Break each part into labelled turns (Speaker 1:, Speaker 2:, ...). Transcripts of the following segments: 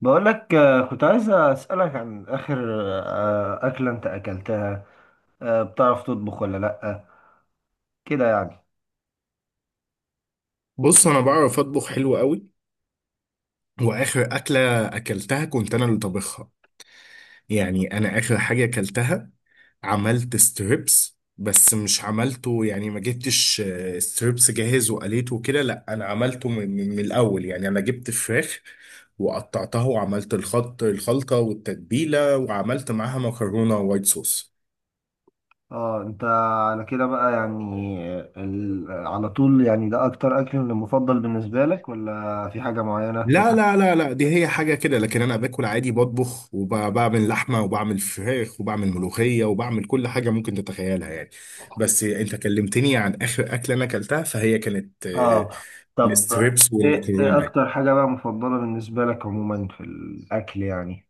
Speaker 1: بقول لك، كنت عايز أسألك عن آخر أكلة أنت أكلتها. بتعرف تطبخ ولا لأ؟ كده يعني.
Speaker 2: بص انا بعرف اطبخ حلو قوي. واخر اكله اكلتها كنت انا اللي طبخها، يعني انا اخر حاجه اكلتها عملت ستريبس، بس مش عملته يعني، ما جبتش ستريبس جاهز وقليته كده، لا انا عملته من الاول. يعني انا جبت فراخ وقطعتها وعملت الخط الخلطه والتتبيله، وعملت معاها مكرونه وايت صوص.
Speaker 1: اه، انت على كده بقى يعني على طول، يعني ده أكتر أكل مفضل بالنسبة لك، ولا في حاجة معينة
Speaker 2: لا
Speaker 1: تاني؟
Speaker 2: لا لا لا، دي هي حاجة كده، لكن أنا باكل عادي، بطبخ وبعمل لحمة وبعمل فراخ وبعمل ملوخية وبعمل كل حاجة ممكن تتخيلها يعني. بس أنت كلمتني عن آخر أكلة أنا أكلتها، فهي كانت
Speaker 1: اه. طب،
Speaker 2: الستريبس
Speaker 1: إيه
Speaker 2: والمكرونة يعني.
Speaker 1: أكتر حاجة بقى مفضلة بالنسبة لك عموما في الأكل يعني؟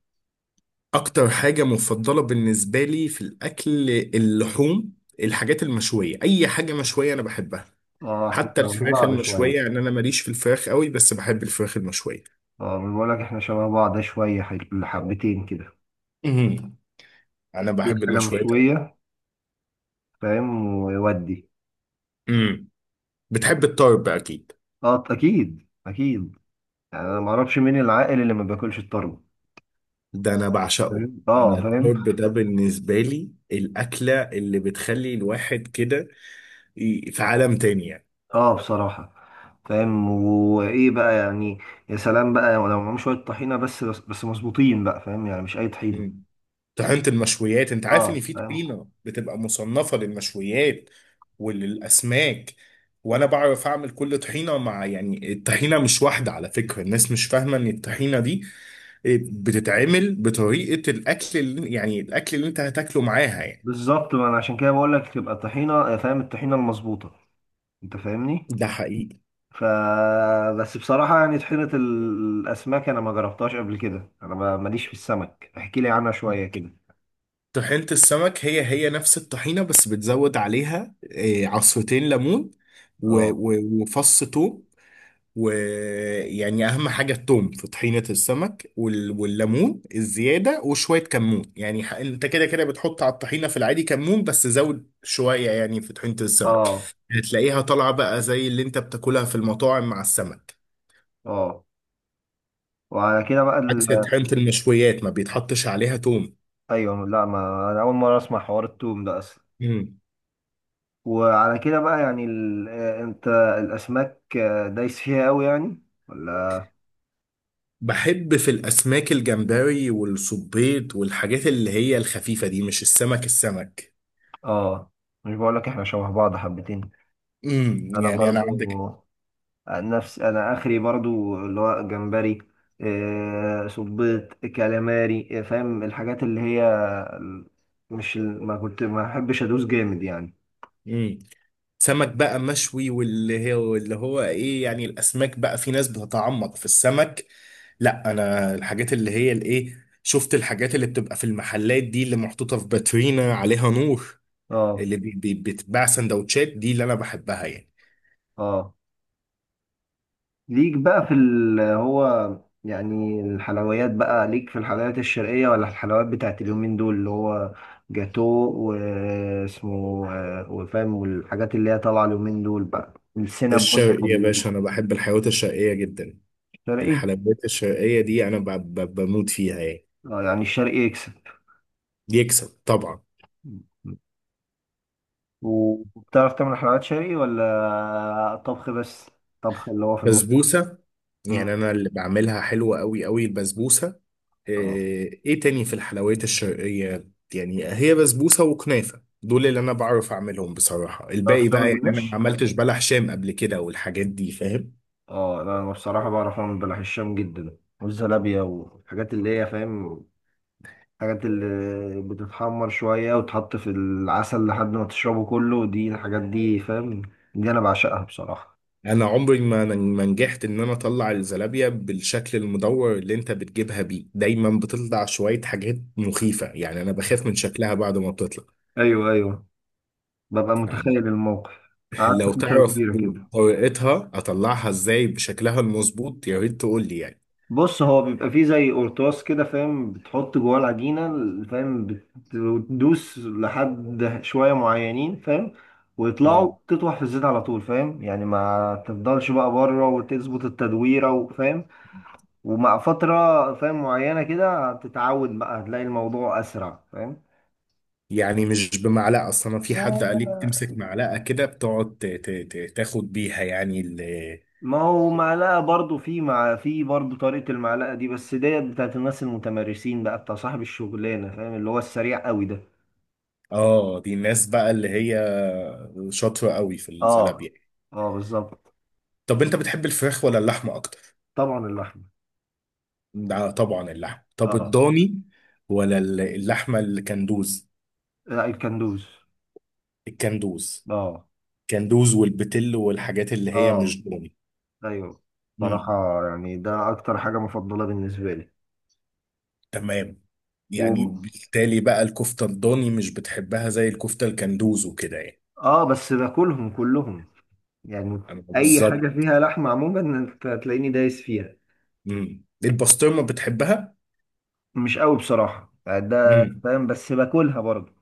Speaker 2: أكتر حاجة مفضلة بالنسبة لي في الأكل اللحوم، الحاجات المشوية، أي حاجة مشوية أنا بحبها.
Speaker 1: اه، احنا
Speaker 2: حتى
Speaker 1: شبه
Speaker 2: الفراخ
Speaker 1: بعض
Speaker 2: المشوية،
Speaker 1: شوية.
Speaker 2: يعني أنا ماليش في الفراخ قوي بس بحب الفراخ المشوية.
Speaker 1: اه، ما بقول لك احنا شبه بعض شوية حبتين كده.
Speaker 2: أمم. أنا
Speaker 1: دي
Speaker 2: بحب
Speaker 1: حاجة
Speaker 2: المشويات أوي.
Speaker 1: مشوية، فاهم، ويودي.
Speaker 2: أمم. بتحب الطرب أكيد.
Speaker 1: اه، اكيد اكيد، يعني انا ما اعرفش مين العاقل اللي ما بياكلش الطرب،
Speaker 2: ده انا بعشقه.
Speaker 1: فاهم؟ اه،
Speaker 2: انا
Speaker 1: فاهم.
Speaker 2: الطرب ده بالنسبه لي الاكله اللي بتخلي الواحد كده في عالم تاني يعني.
Speaker 1: اه، بصراحة، فاهم، وايه بقى يعني؟ يا سلام بقى لو معاهم شوية طحينة، بس مظبوطين بقى، فاهم، يعني مش اي طحينة.
Speaker 2: مم. طحينه المشويات، انت عارف ان
Speaker 1: اه،
Speaker 2: في
Speaker 1: فاهم.
Speaker 2: طحينه بتبقى مصنفه للمشويات وللاسماك، وانا بعرف اعمل كل طحينه، مع يعني الطحينه مش واحده على فكره. الناس مش فاهمه ان الطحينه دي بتتعمل بطريقه الاكل اللي يعني الاكل اللي انت هتاكله معاها يعني.
Speaker 1: بالظبط، ما انا عشان كده بقول لك تبقى طحينة، فاهم، الطحينة المظبوطة. انت فاهمني.
Speaker 2: ده حقيقي.
Speaker 1: ف بس بصراحة، يعني طحينة الاسماك انا ما جربتهاش قبل كده، انا ماليش في السمك، احكي لي عنها شوية كده.
Speaker 2: طحينة السمك هي نفس الطحينة، بس بتزود عليها عصرتين ليمون و-
Speaker 1: اه.
Speaker 2: و- وفص ثوم. ويعني أهم حاجة الثوم في طحينة السمك، وال- والليمون الزيادة وشوية كمون يعني. أنت كده كده بتحط على الطحينة في العادي كمون، بس زود شوية يعني في طحينة السمك.
Speaker 1: اه.
Speaker 2: هتلاقيها طالعة بقى زي اللي أنت بتاكلها في المطاعم مع السمك.
Speaker 1: اه. وعلى كده بقى.
Speaker 2: عكس طحينة المشويات ما بيتحطش عليها ثوم.
Speaker 1: ايوه، لا ما انا اول مره اسمع حوار التوم ده اصلا. وعلى كده بقى يعني ال... آه، انت الاسماك، دايس فيها قوي يعني، ولا؟
Speaker 2: بحب في الأسماك الجمبري والصبيط والحاجات اللي هي الخفيفة دي، مش السمك السمك.
Speaker 1: اه، مش بقول لك احنا شبه بعض حبتين.
Speaker 2: امم،
Speaker 1: انا
Speaker 2: يعني أنا
Speaker 1: برضو
Speaker 2: عندك.
Speaker 1: نفس. انا اخري برضو اللي هو جمبري، صبيط، كالاماري، فاهم، الحاجات اللي هي ال- مش ما كنت ما احبش ادوس جامد يعني.
Speaker 2: امم. سمك بقى مشوي، واللي هو اللي هو إيه يعني، الأسماك بقى في ناس بتتعمق في السمك. لا أنا الحاجات اللي هي الإيه، شفت الحاجات اللي بتبقى في المحلات دي اللي محطوطة في باترينا عليها نور،
Speaker 1: اه.
Speaker 2: اللي بي بتتباع سندوتشات، دي اللي أنا بحبها يعني.
Speaker 1: اه. ليك بقى في ال هو، يعني الحلويات، بقى ليك في الحلويات الشرقية ولا الحلويات بتاعت اليومين دول اللي هو جاتو واسمه وفاهم، والحاجات اللي هي طالعة اليومين دول بقى السينابون.
Speaker 2: الشرقية يا باشا، أنا بحب الحيوانات الشرقية جدا.
Speaker 1: الشرقي.
Speaker 2: الحلويات الشرقية دي أنا ب- ب- بموت فيها يعني.
Speaker 1: اه، يعني الشرقي يكسب.
Speaker 2: يكسب طبعا.
Speaker 1: وبتعرف تعمل حلويات شرقي ولا طبخ بس؟ طبخ اللي هو في المطبخ.
Speaker 2: بسبوسة،
Speaker 1: مم.
Speaker 2: يعني أنا اللي بعملها حلوة أوي أوي البسبوسة.
Speaker 1: اه،
Speaker 2: إيه إيه تاني في الحلويات الشرقية؟ يعني هي بسبوسة وكنافة، دول اللي أنا بعرف أعملهم بصراحة.
Speaker 1: بتعرف
Speaker 2: الباقي بقى
Speaker 1: تعمل
Speaker 2: يعني أنا ما
Speaker 1: جلاش؟
Speaker 2: عملتش بلح شام قبل كده والحاجات دي فاهم.
Speaker 1: اه، لا انا بصراحة بعرف اعمل بلح الشام جدا، والزلابية والحاجات اللي هي، فاهم، الحاجات اللي بتتحمر شوية وتحط في العسل لحد ما تشربه كله، دي الحاجات دي، فاهم، دي أنا بعشقها بصراحة.
Speaker 2: أنا عمري ما نجحت إن أنا أطلع الزلابية بالشكل المدور اللي أنت بتجيبها بيه. دايما بتطلع شوية حاجات مخيفة، يعني أنا بخاف من شكلها بعد ما بتطلع.
Speaker 1: أيوه أيوه، ببقى متخيل الموقف، قعدت
Speaker 2: لو
Speaker 1: فترة
Speaker 2: تعرف
Speaker 1: كبيرة كده.
Speaker 2: طريقتها اطلعها ازاي بشكلها المظبوط يا ريت تقول لي يعني.
Speaker 1: بص هو بيبقى فيه زي قرطاس كده، فاهم، بتحط جواه العجينة، فاهم، بتدوس لحد شوية معينين، فاهم، ويطلعوا
Speaker 2: مم.
Speaker 1: تطوح في الزيت على طول، فاهم يعني، ما تفضلش بقى بره وتظبط التدويرة، وفاهم. ومع فترة، فاهم، معينة كده هتتعود بقى، هتلاقي الموضوع أسرع، فاهم.
Speaker 2: يعني مش بمعلقه اصلا انا، في حد قال لي
Speaker 1: هو
Speaker 2: بتمسك معلقه كده، بتقعد ت- ت- ت- تاخد بيها يعني
Speaker 1: ما هو معلقة برضو، في مع في برضو طريقة المعلقة دي، بس ديت بتاعت الناس المتمرسين بقى، بتاع صاحب الشغلانة، فاهم، اللي هو السريع قوي ده.
Speaker 2: اه. دي الناس بقى اللي هي شاطره قوي في
Speaker 1: اه.
Speaker 2: الزلابيه.
Speaker 1: اه، بالظبط.
Speaker 2: طب انت بتحب الفراخ ولا اللحمه اكتر؟
Speaker 1: طبعا اللحمة.
Speaker 2: ده طبعا اللحمه. طب
Speaker 1: اه.
Speaker 2: الضاني ولا اللحمه الكندوز؟
Speaker 1: لا، الكندوز.
Speaker 2: الكندوز.
Speaker 1: اه.
Speaker 2: كندوز والبتل والحاجات اللي هي، مش
Speaker 1: اه. ايوه. بصراحة،
Speaker 2: ضاني.
Speaker 1: يعني ده اكتر حاجة مفضلة بالنسبة لي.
Speaker 2: تمام. يعني
Speaker 1: و...
Speaker 2: بالتالي بقى الكفتة الضاني مش بتحبها زي الكفتة الكندوز وكده يعني.
Speaker 1: اه، بس باكلهم كلهم يعني،
Speaker 2: أنا
Speaker 1: اي حاجه
Speaker 2: بالظبط.
Speaker 1: فيها لحمه عموما انت هتلاقيني دايس فيها.
Speaker 2: امم، البسطرمة بتحبها؟
Speaker 1: مش قوي بصراحه، يعني ده
Speaker 2: امم.
Speaker 1: فاهم، بس باكلها برضه.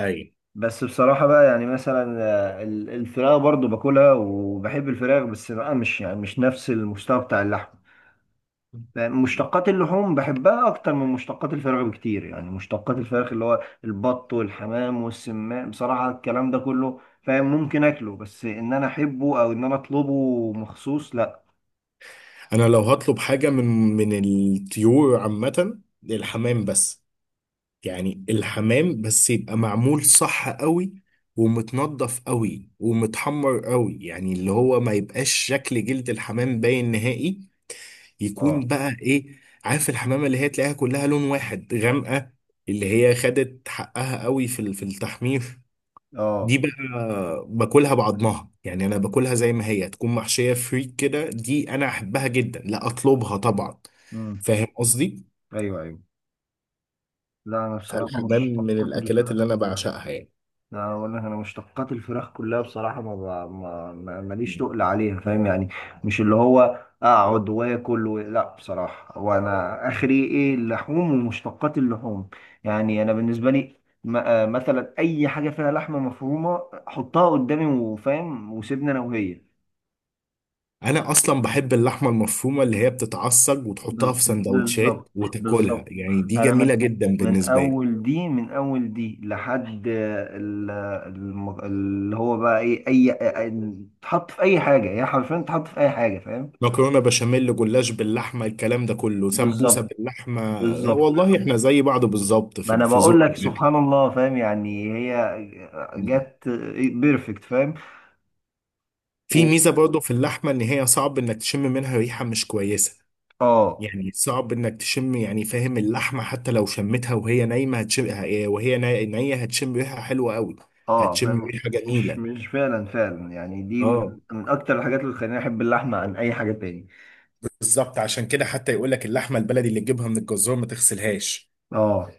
Speaker 2: أي.
Speaker 1: بس بصراحه بقى يعني مثلا، الفراخ برضه باكلها وبحب الفراخ، بس بقى مش يعني مش نفس المستوى بتاع اللحم. يعني مشتقات اللحوم بحبها اكتر من مشتقات الفراخ بكتير، يعني مشتقات الفراخ اللي هو البط والحمام والسماء بصراحه الكلام ده كله، فاهم، ممكن اكله، بس ان انا احبه او ان انا اطلبه مخصوص لا.
Speaker 2: أنا لو هطلب حاجة من الطيور عامة الحمام بس. يعني الحمام بس يبقى معمول صح قوي ومتنضف قوي ومتحمر قوي، يعني اللي هو ما يبقاش شكل جلد الحمام باين نهائي. يكون
Speaker 1: اه.
Speaker 2: بقى ايه، عارف الحمامه اللي هي تلاقيها كلها لون واحد غامقه، اللي هي خدت حقها قوي في التحمير. دي
Speaker 1: اه.
Speaker 2: بقى باكلها بعضمها، يعني انا باكلها زي ما هي، تكون محشيه فريك كده، دي انا احبها جدا، لا اطلبها طبعا.
Speaker 1: امم.
Speaker 2: فاهم قصدي؟
Speaker 1: ايوه ايوه. لا انا بصراحه
Speaker 2: فالحمام من
Speaker 1: مشتقات
Speaker 2: الاكلات اللي
Speaker 1: الفراخ
Speaker 2: انا
Speaker 1: كلها.
Speaker 2: بعشقها يعني.
Speaker 1: لا اقول لك، انا مشتقات الفراخ كلها بصراحه ما ب- ما ما- ماليش
Speaker 2: مم.
Speaker 1: تقل عليها، فاهم يعني، مش اللي هو اقعد واكل لا، بصراحه، وانا اخري ايه اللحوم ومشتقات اللحوم. يعني انا بالنسبه لي، مثلا اي حاجه فيها لحمه مفرومه، حطها قدامي وفاهم وسيبني انا وهي.
Speaker 2: انا اصلا بحب اللحمه المفرومه اللي هي بتتعصج وتحطها في سندوتشات
Speaker 1: بالظبط
Speaker 2: وتاكلها،
Speaker 1: بالظبط.
Speaker 2: يعني دي
Speaker 1: انا من
Speaker 2: جميله جدا
Speaker 1: من
Speaker 2: بالنسبه لي.
Speaker 1: اول دي لحد اللي هو بقى ايه اي أي- تحط في اي حاجه، يعني حرفيا تحط في اي حاجه، فاهم.
Speaker 2: مكرونه بشاميل، جلاش باللحمه، الكلام ده كله، سمبوسه
Speaker 1: بالظبط
Speaker 2: باللحمه.
Speaker 1: بالظبط،
Speaker 2: والله احنا زي بعض بالظبط
Speaker 1: ما
Speaker 2: في
Speaker 1: انا
Speaker 2: في
Speaker 1: بقول
Speaker 2: ذوق
Speaker 1: لك سبحان
Speaker 2: الاكل.
Speaker 1: الله، فاهم، يعني هي
Speaker 2: مم.
Speaker 1: جت بيرفكت، فاهم.
Speaker 2: في
Speaker 1: و...
Speaker 2: ميزه برضو في اللحمه، ان هي صعب انك تشم منها ريحه مش كويسه.
Speaker 1: اه.
Speaker 2: يعني صعب انك تشم يعني فاهم، اللحمه حتى لو شمتها وهي نايمه هتشم، وهي نيه هتشم ريحه حلوه قوي.
Speaker 1: اه،
Speaker 2: هتشم
Speaker 1: فاهم.
Speaker 2: ريحه
Speaker 1: مش
Speaker 2: جميله.
Speaker 1: مش فعلا فعلا يعني، دي
Speaker 2: اه
Speaker 1: من اكتر الحاجات اللي خلاني احب اللحمه عن اي حاجه تاني.
Speaker 2: بالظبط، عشان كده حتى يقول لك اللحمه البلدي اللي تجيبها من الجزار ما تغسلهاش
Speaker 1: اه،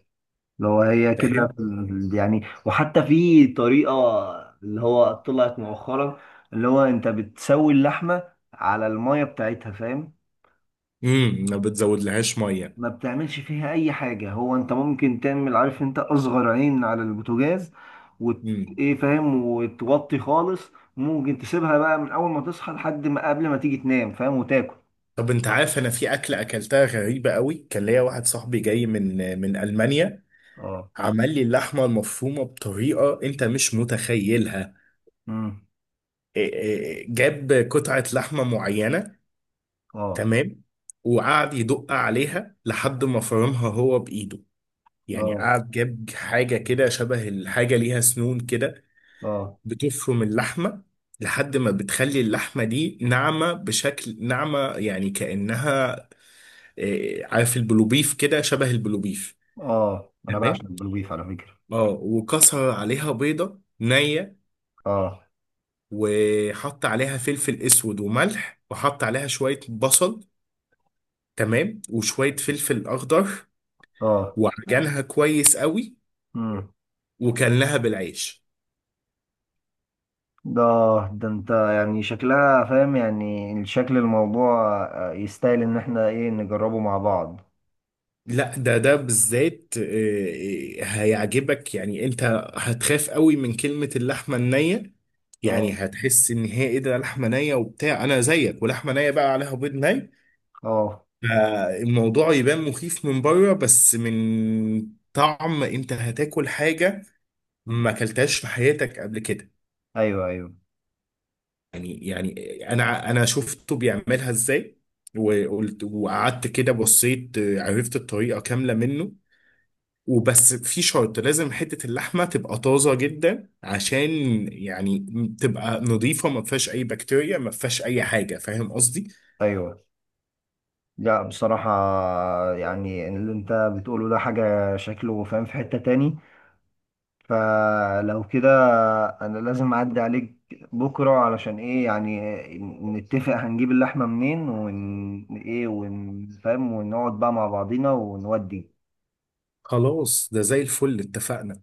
Speaker 1: لو هي كده
Speaker 2: فاهم.
Speaker 1: يعني، وحتى في طريقة اللي هو طلعت مؤخرا، اللي هو انت بتسوي اللحمة على المية بتاعتها، فاهم،
Speaker 2: امم، ما بتزودلهاش ميه.
Speaker 1: ما بتعملش فيها اي حاجة، هو انت ممكن تعمل، عارف، انت اصغر عين على البوتاجاز وت...
Speaker 2: امم.
Speaker 1: ايه، فاهم، وتوطي خالص، ممكن تسيبها بقى من اول ما تصحى لحد ما قبل ما تيجي تنام، فاهم، وتاكل.
Speaker 2: طب انت عارف انا في اكله اكلتها غريبه قوي. كان ليا واحد صاحبي جاي من المانيا،
Speaker 1: اه.
Speaker 2: عمل لي اللحمه المفرومه بطريقه انت مش متخيلها.
Speaker 1: امم.
Speaker 2: إيه إيه، جاب قطعه لحمه معينه.
Speaker 1: اه.
Speaker 2: تمام. وقعد يدق عليها لحد ما فرمها هو بايده. يعني
Speaker 1: اه.
Speaker 2: قعد جاب حاجه كده شبه الحاجه ليها سنون كده،
Speaker 1: اه.
Speaker 2: بتفرم اللحمه لحد ما بتخلي اللحمه دي ناعمه، بشكل ناعمه يعني كانها عارف البلوبيف، كده شبه البلوبيف.
Speaker 1: اه، انا بعشق
Speaker 2: تمام.
Speaker 1: البلوبيف على فكرة.
Speaker 2: اه، وكسر عليها بيضة نية،
Speaker 1: اه.
Speaker 2: وحط عليها فلفل اسود وملح، وحط عليها شوية بصل، تمام، وشوية فلفل اخضر، وعجنها كويس قوي،
Speaker 1: اه.
Speaker 2: وكلها بالعيش.
Speaker 1: ده ده انت يعني شكلها، فاهم، يعني الشكل الموضوع يستاهل ان احنا ايه نجربه مع بعض.
Speaker 2: لا ده بالذات هيعجبك يعني انت. هتخاف قوي من كلمة اللحمة النية، يعني
Speaker 1: اه.
Speaker 2: هتحس ان هي ايه ده، لحمة نية وبتاع، انا زيك، ولحمة نية بقى عليها بيض ني.
Speaker 1: اه.
Speaker 2: الموضوع يبان مخيف من بره، بس من طعم انت هتاكل حاجة ما اكلتهاش في حياتك قبل كده.
Speaker 1: ايوه ايوه
Speaker 2: يعني يعني، انا شفته بيعملها ازاي، وقلت وقعدت كده بصيت، عرفت الطريقة كاملة منه. وبس في شرط، لازم حتة اللحمة تبقى طازة جدا، عشان يعني تبقى نظيفة، ما فيهاش أي بكتيريا، ما فيهاش أي حاجة، فاهم قصدي؟
Speaker 1: ايوه. لا بصراحة، يعني اللي انت بتقوله ده حاجة شكله، فاهم، في حتة تاني، فلو كده انا لازم اعدي عليك بكرة، علشان ايه يعني، نتفق هنجيب اللحمة منين ون ايه ونفهم، ونقعد بقى مع بعضينا ونودي.
Speaker 2: خلاص ده زي الفل، اتفقنا.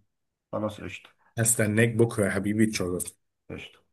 Speaker 1: خلاص قشطة.
Speaker 2: هستناك بكرة يا حبيبي، تشرفني.
Speaker 1: قشطة.